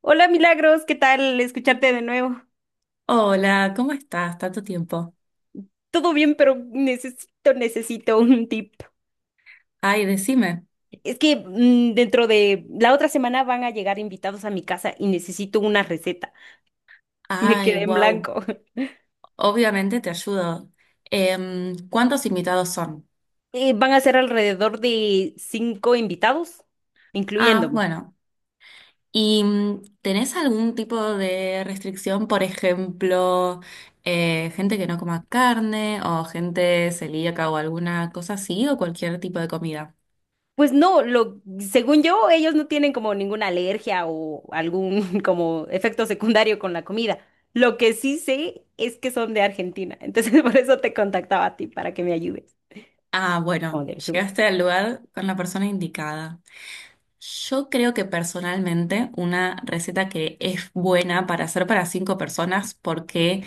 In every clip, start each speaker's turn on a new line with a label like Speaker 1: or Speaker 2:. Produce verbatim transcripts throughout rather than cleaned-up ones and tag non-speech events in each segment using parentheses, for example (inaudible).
Speaker 1: Hola Milagros, ¿qué tal escucharte de nuevo?
Speaker 2: Hola, ¿cómo estás? Tanto tiempo.
Speaker 1: Todo bien, pero necesito, necesito un tip.
Speaker 2: Ay, decime.
Speaker 1: Es que mm, dentro de la otra semana van a llegar invitados a mi casa y necesito una receta. (laughs) Me
Speaker 2: Ay,
Speaker 1: quedé en
Speaker 2: wow.
Speaker 1: blanco. (laughs)
Speaker 2: Obviamente te ayudo. Em, ¿cuántos invitados son?
Speaker 1: Eh, van a ser alrededor de cinco invitados,
Speaker 2: Ah,
Speaker 1: incluyéndome.
Speaker 2: bueno. ¿Y mm, tenés algún tipo de restricción? Por ejemplo, eh, gente que no coma carne o gente celíaca o alguna cosa así o cualquier tipo de comida.
Speaker 1: Pues no, lo, según yo, ellos no tienen como ninguna alergia o algún (laughs) como efecto secundario con la comida. Lo que sí sé es que son de Argentina, entonces (laughs) por eso te contactaba a ti para que me ayudes.
Speaker 2: Ah,
Speaker 1: O
Speaker 2: bueno,
Speaker 1: del sur.
Speaker 2: llegaste al lugar con la persona indicada. Yo creo que personalmente una receta que es buena para hacer para cinco personas porque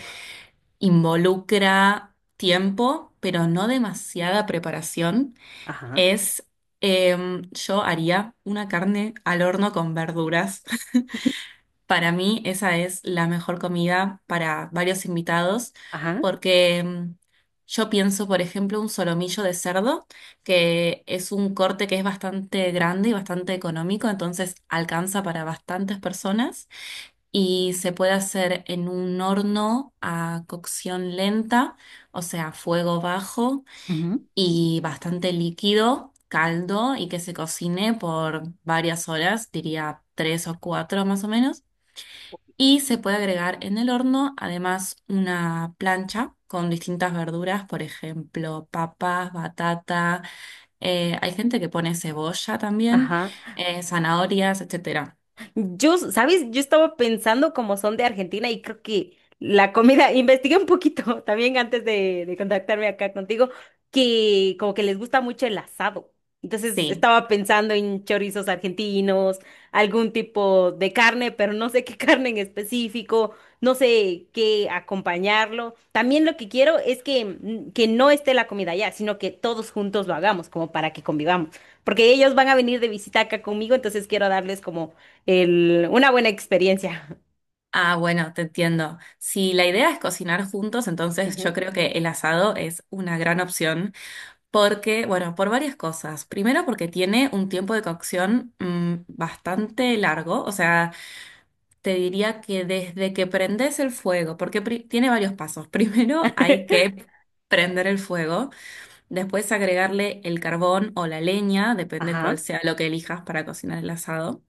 Speaker 2: involucra tiempo, pero no demasiada preparación,
Speaker 1: Ajá,
Speaker 2: es em, yo haría una carne al horno con verduras. (laughs) Para mí esa es la mejor comida para varios invitados
Speaker 1: ajá,
Speaker 2: porque mm, yo pienso, por ejemplo, un solomillo de cerdo, que es un corte que es bastante grande y bastante económico, entonces alcanza para bastantes personas y se puede hacer en un horno a cocción lenta, o sea, fuego bajo
Speaker 1: ujú,
Speaker 2: y bastante líquido. caldo y que se cocine por varias horas, diría tres o cuatro más o menos. Y se puede agregar en el horno además una plancha con distintas verduras, por ejemplo, papas, batata, eh, hay gente que pone cebolla también,
Speaker 1: ajá.
Speaker 2: eh, zanahorias, etcétera.
Speaker 1: Yo, ¿sabes? Yo estaba pensando como son de Argentina y creo que la comida, (laughs) investigué un poquito también antes de, de contactarme acá contigo, que como que les gusta mucho el asado. Entonces
Speaker 2: Sí.
Speaker 1: estaba pensando en chorizos argentinos, algún tipo de carne, pero no sé qué (laughs) carne en específico, no sé qué acompañarlo. También lo que quiero es que, mm, que no esté la comida ya, sino que todos juntos lo hagamos, como para que convivamos porque ellos van a venir de visita acá conmigo, entonces quiero darles como el, una buena experiencia.
Speaker 2: Ah, bueno, te entiendo. Si la idea es cocinar juntos,
Speaker 1: (laughs)
Speaker 2: entonces yo
Speaker 1: Ujú.
Speaker 2: creo que el asado es una gran opción porque, bueno, por varias cosas. Primero porque tiene un tiempo de cocción mm, bastante largo, o sea, te diría que desde que prendes el fuego, porque pri- tiene varios pasos. (laughs) Primero hay que prender el fuego, después agregarle el carbón o la leña, depende cuál
Speaker 1: Ajá.
Speaker 2: sea lo que elijas para cocinar el asado.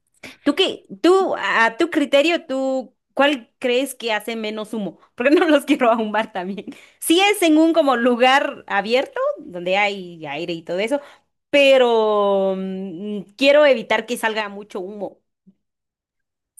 Speaker 1: ¿Tú qué? ¿Tú, a tu criterio, tú, cuál crees que hace menos humo? Porque (laughs) no los quiero ahumar también. Sí es en un como lugar abierto, donde hay aire y todo eso, pero mm, quiero evitar que salga mucho humo.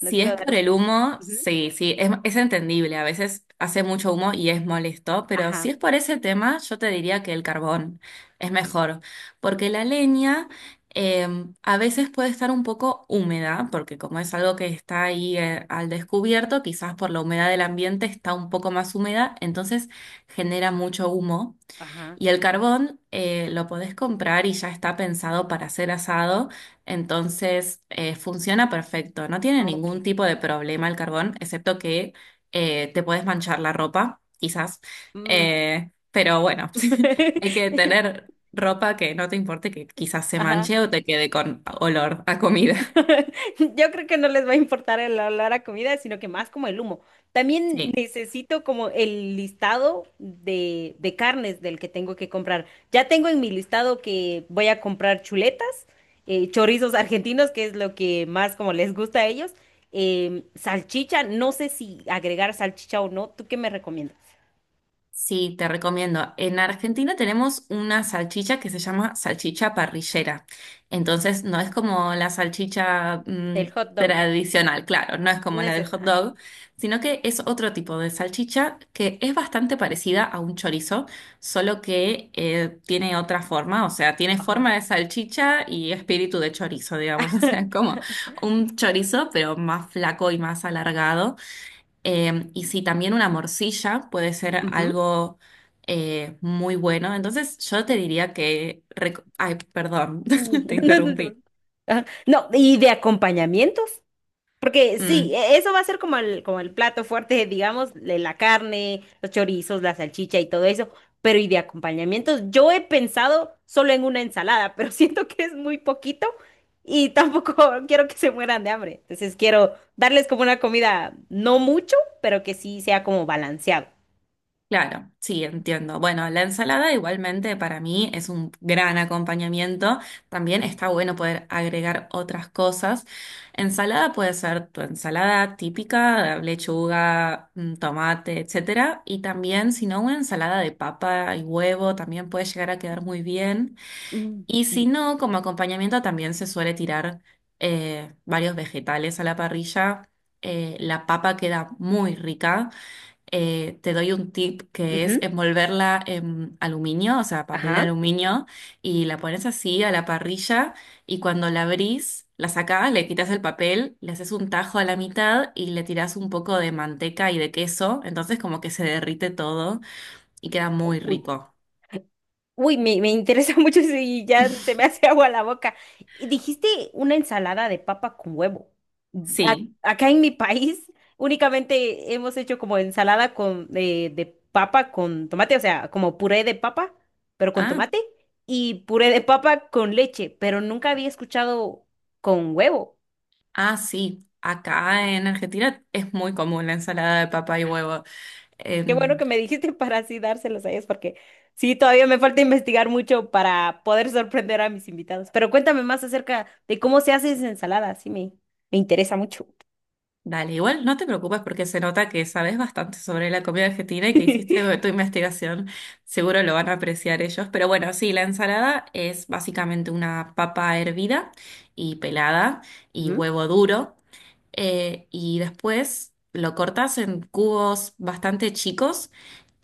Speaker 1: No quiero
Speaker 2: es por
Speaker 1: darles
Speaker 2: el
Speaker 1: con...
Speaker 2: humo,
Speaker 1: Ujú.
Speaker 2: sí, sí, es, es entendible. A veces hace mucho humo y es molesto, pero si
Speaker 1: Ajá,
Speaker 2: es por ese tema, yo te diría que el carbón es mejor, porque la leña eh, a veces puede estar un poco húmeda, porque como es algo que está ahí eh, al descubierto, quizás por la humedad del ambiente está un poco más húmeda, entonces genera mucho humo.
Speaker 1: ajá.
Speaker 2: Y el carbón eh, lo podés comprar y ya está pensado para ser asado, entonces eh, funciona perfecto. No tiene
Speaker 1: Ah, ok.
Speaker 2: ningún tipo de problema el carbón, excepto que eh, te podés manchar la ropa, quizás.
Speaker 1: Mm.
Speaker 2: Eh, pero bueno, (laughs) hay que
Speaker 1: (laughs)
Speaker 2: tener ropa que no te importe que quizás se
Speaker 1: Ajá.
Speaker 2: manche o te quede con olor a comida.
Speaker 1: (laughs) Yo creo que no les va a importar el olor a comida, sino que más como el humo.
Speaker 2: (laughs)
Speaker 1: También
Speaker 2: Sí.
Speaker 1: necesito como el listado de, de carnes del que tengo que comprar. Ya tengo en mi listado que voy a comprar chuletas, eh, chorizos argentinos, que es lo que más como les gusta a ellos, em, salchicha, no sé si agregar salchicha o no. ¿Tú qué me recomiendas?
Speaker 2: Sí, te recomiendo. En Argentina tenemos una salchicha que se llama salchicha parrillera. Entonces, no es como la salchicha
Speaker 1: Del
Speaker 2: mm,
Speaker 1: hot dog.
Speaker 2: tradicional, claro, no es como la del
Speaker 1: Neces
Speaker 2: hot
Speaker 1: ah,
Speaker 2: dog, sino que es otro tipo de salchicha que es bastante parecida a un chorizo, solo que eh, tiene otra forma, o sea, tiene
Speaker 1: ajá.
Speaker 2: forma de salchicha y espíritu de chorizo, digamos, (laughs) o sea, es
Speaker 1: (laughs)
Speaker 2: como un chorizo, pero más flaco y más alargado. Eh, y si también una morcilla puede ser
Speaker 1: Ujú.
Speaker 2: algo eh, muy bueno. Entonces yo te
Speaker 1: Y-
Speaker 2: diría que... reco- Ay, perdón,
Speaker 1: (laughs)
Speaker 2: (laughs) te
Speaker 1: no, no te
Speaker 2: interrumpí.
Speaker 1: preocupes. Ajá. No, y de acompañamientos. Porque sí,
Speaker 2: Mm,
Speaker 1: e- eso va a ser como el, como el plato fuerte, digamos, de la carne, los chorizos, la salchicha y todo eso. Pero y de acompañamientos, yo he pensado solo en una ensalada, pero (laughs) siento que es muy poquito y tampoco (laughs) quiero que se mueran de hambre. Entonces quiero darles como una comida, no mucho, pero que sí sea como balanceado.
Speaker 2: claro, sí, entiendo. Bueno, la ensalada igualmente para mí es un gran acompañamiento. También está bueno poder agregar otras cosas. Ensalada puede ser tu ensalada típica, lechuga, mm, tomate, etcétera. Y también, si no, una ensalada de papa y huevo también puede llegar a quedar muy bien.
Speaker 1: Mm,
Speaker 2: Y si no, como acompañamiento también se suele tirar eh, varios vegetales a la parrilla. Eh, la papa queda muy rica. Eh, te doy un tip que es
Speaker 1: ujú,
Speaker 2: envolverla en aluminio, o sea, papel
Speaker 1: ajá.
Speaker 2: aluminio, y la pones así a la parrilla y cuando la abrís, la sacás, le quitas el papel, le haces un tajo a la mitad y le tirás un poco de manteca y de queso, entonces como que se derrite todo y queda muy
Speaker 1: Uy,
Speaker 2: rico.
Speaker 1: uy, me, me interesa (laughs) mucho eso y ya se me hace agua la boca. Y dijiste una ensalada de papa con huevo. A-
Speaker 2: Sí.
Speaker 1: acá en mi país (laughs) únicamente hemos hecho como ensalada con, de, de papa con tomate, o sea, como puré de papa, pero con
Speaker 2: Ah,
Speaker 1: tomate, y puré de papa con leche, pero nunca había escuchado con huevo.
Speaker 2: Ah, sí, acá en Argentina es muy común la ensalada de papa y huevo.
Speaker 1: Qué bueno
Speaker 2: Em,
Speaker 1: que me dijiste para así dárselos a ellos, porque sí, todavía me falta investigar mucho para poder sorprender a mis invitados. Pero cuéntame más acerca de cómo se hace esa ensalada, sí me, me interesa mucho.
Speaker 2: Dale, igual no te preocupes porque se nota que sabes bastante sobre la comida argentina y que hiciste
Speaker 1: (laughs)
Speaker 2: tu investigación. Seguro lo van a apreciar ellos. Pero bueno, sí, la ensalada es básicamente una papa hervida y pelada y
Speaker 1: Ujú,
Speaker 2: huevo duro. eh, y después lo cortas en cubos bastante chicos.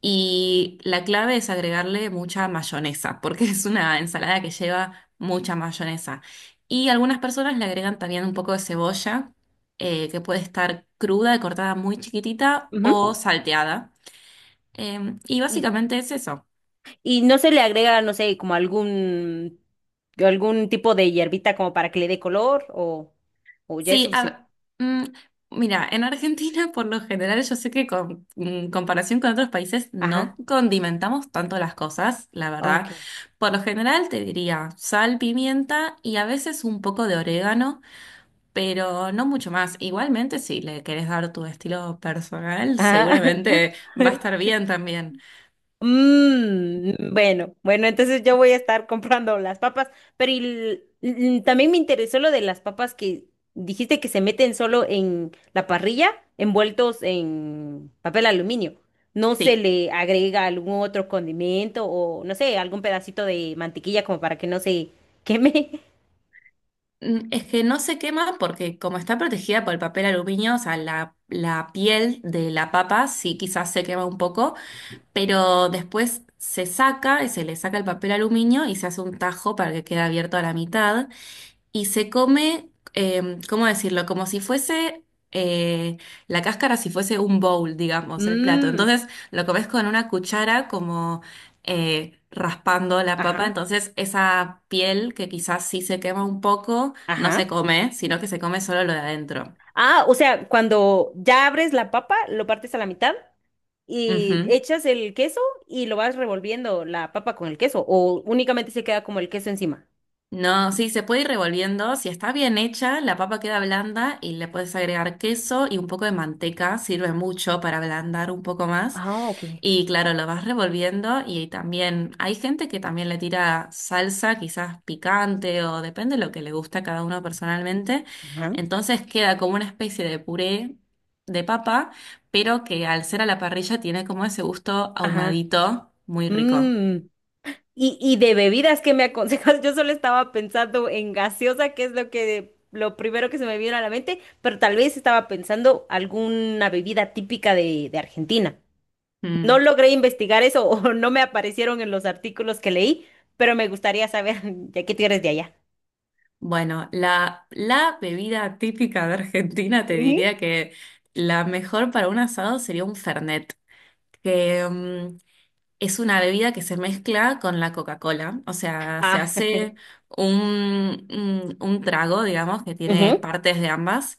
Speaker 2: Y la clave es agregarle mucha mayonesa, porque (laughs) es una ensalada que lleva mucha mayonesa. Y algunas personas le agregan también un poco de cebolla, eh, que puede estar cruda y cortada muy chiquitita o
Speaker 1: ujú.
Speaker 2: salteada. Em, y
Speaker 1: Y,
Speaker 2: básicamente es eso.
Speaker 1: y no se le agrega, no sé, como algún, algún tipo de hierbita como para que le dé color o, o ya es
Speaker 2: Sí,
Speaker 1: suficiente.
Speaker 2: a- mm, mira, en Argentina por lo general yo sé que con en comparación con otros países
Speaker 1: Ajá,
Speaker 2: no condimentamos tanto las cosas, la
Speaker 1: ok.
Speaker 2: verdad. Por lo general te diría sal, pimienta y a veces un poco de orégano, pero no mucho más. Igualmente, si le querés dar tu estilo personal,
Speaker 1: Ajá.
Speaker 2: seguramente va a
Speaker 1: (laughs)
Speaker 2: estar bien también.
Speaker 1: Mm, bueno, bueno, entonces yo voy a estar comprando las papas, pero y l- l- también me interesó lo de las papas que dijiste que se meten solo en la parrilla, envueltos en papel aluminio. ¿No se
Speaker 2: Sí.
Speaker 1: le agrega algún otro condimento o, no sé, algún pedacito de mantequilla como para que no se queme?
Speaker 2: Mm, Es que no se quema porque como está protegida por el papel aluminio, o sea, la, la piel de la papa sí quizás se quema un poco, pero después se saca y se le saca el papel aluminio y se hace un tajo para que quede abierto a la mitad y se come, eh, ¿cómo decirlo? Como si fuese eh, la cáscara, si fuese un bowl,
Speaker 1: (laughs)
Speaker 2: digamos, el plato.
Speaker 1: Mmm,
Speaker 2: Entonces lo comes con una cuchara como eh, raspando la papa,
Speaker 1: ajá,
Speaker 2: entonces esa piel que quizás sí se quema un poco, no se
Speaker 1: ajá.
Speaker 2: come, sino que se come solo lo de adentro.
Speaker 1: Ah, o sea, cuando ya abres la papa, lo partes a la mitad y
Speaker 2: Ujú.
Speaker 1: echas el queso y lo vas revolviendo la papa con el queso o únicamente se queda como el queso encima.
Speaker 2: No, sí, se puede ir revolviendo. Si está bien hecha, la papa queda blanda y le puedes agregar queso y un poco de manteca. Sirve mucho para ablandar un poco más.
Speaker 1: Ah, ok, ok.
Speaker 2: Y claro, lo vas revolviendo y también hay gente que también le tira salsa, quizás picante o depende de lo que le gusta a cada uno personalmente.
Speaker 1: Ajá.
Speaker 2: Entonces queda como una especie de puré de papa, pero que al ser a la parrilla tiene como ese gusto
Speaker 1: Ajá.
Speaker 2: ahumadito, muy rico.
Speaker 1: Mm. Y, y de bebidas, ¿qué me aconsejas? (laughs) Yo solo estaba pensando en gaseosa, que es lo que lo primero que se me vino a la mente, pero tal vez estaba pensando alguna bebida típica de, de Argentina. No
Speaker 2: Mm.
Speaker 1: logré investigar eso (laughs) o no me aparecieron en los artículos que leí, pero me gustaría saber, (laughs) ya que tú eres de allá.
Speaker 2: Bueno, la, la bebida típica de Argentina te
Speaker 1: Ujú.
Speaker 2: diría que la mejor para un asado sería un Fernet, que mm, es una bebida que se mezcla con la Coca-Cola. O sea, se
Speaker 1: Ah,
Speaker 2: hace un, un, un trago, digamos, que tiene
Speaker 1: ujú.
Speaker 2: partes de ambas.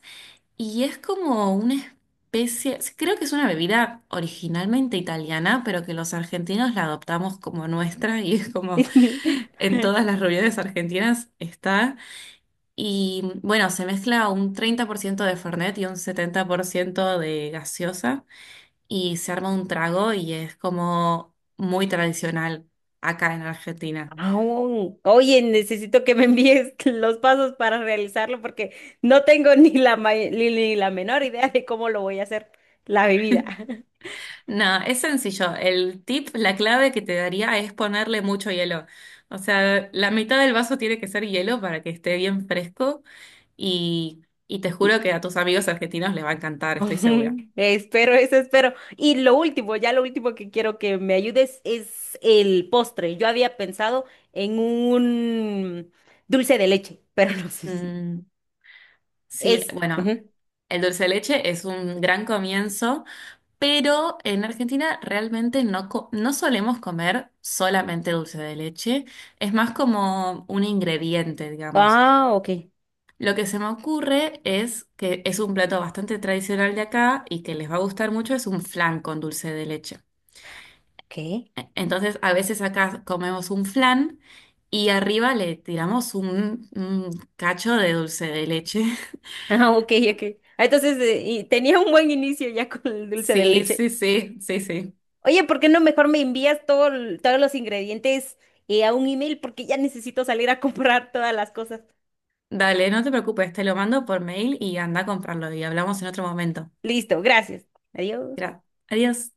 Speaker 2: Y es como una especie, sí, creo que es una bebida originalmente italiana, pero que los argentinos la adoptamos como nuestra y es como en todas
Speaker 1: (laughs)
Speaker 2: las reuniones argentinas está. Y bueno, se mezcla un treinta por ciento de Fernet y un setenta por ciento de gaseosa y se arma un trago y es como muy tradicional acá en Argentina.
Speaker 1: Aún. Oye, necesito que me envíes (laughs) los pasos para realizarlo porque no tengo ni la, ma- ni, ni la menor idea de cómo lo voy a hacer, la bebida. (laughs)
Speaker 2: No, es sencillo. El tip, la clave que te daría es ponerle mucho hielo. O sea, la mitad del vaso tiene que ser hielo para que esté bien fresco y, y te
Speaker 1: Y-
Speaker 2: juro que a tus amigos argentinos les va a encantar, estoy segura.
Speaker 1: (laughs) espero, eso espero. Y lo último, ya lo último que quiero que me ayudes es el postre. Yo había pensado en un dulce de leche, (laughs) pero no sé si
Speaker 2: Mm, sí,
Speaker 1: es...
Speaker 2: bueno.
Speaker 1: Ujú.
Speaker 2: El dulce de leche es un gran comienzo Pero en Argentina realmente no, co- no solemos comer solamente dulce de leche, es más como un ingrediente, digamos.
Speaker 1: Ah, ok.
Speaker 2: Lo que se me ocurre es que es un plato bastante tradicional de acá y que les va a gustar mucho, es un flan con dulce de leche.
Speaker 1: ¿Qué?
Speaker 2: E- Entonces, a veces acá comemos un flan y arriba le tiramos un, un cacho de dulce de leche. (laughs)
Speaker 1: Ah, ok, ok. Ah, entonces, eh, y tenía un buen inicio ya con el dulce de
Speaker 2: Sí,
Speaker 1: leche.
Speaker 2: sí, sí, sí, sí.
Speaker 1: Oye, ¿por qué no mejor me envías todo, el- todos los ingredientes eh, a un email? Porque ya necesito salir a (laughs) comprar todas las cosas.
Speaker 2: Dale, no te preocupes, te lo mando por mail y anda a comprarlo y hablamos en otro momento.
Speaker 1: Listo, gracias. Adiós.
Speaker 2: Gracias. Adiós.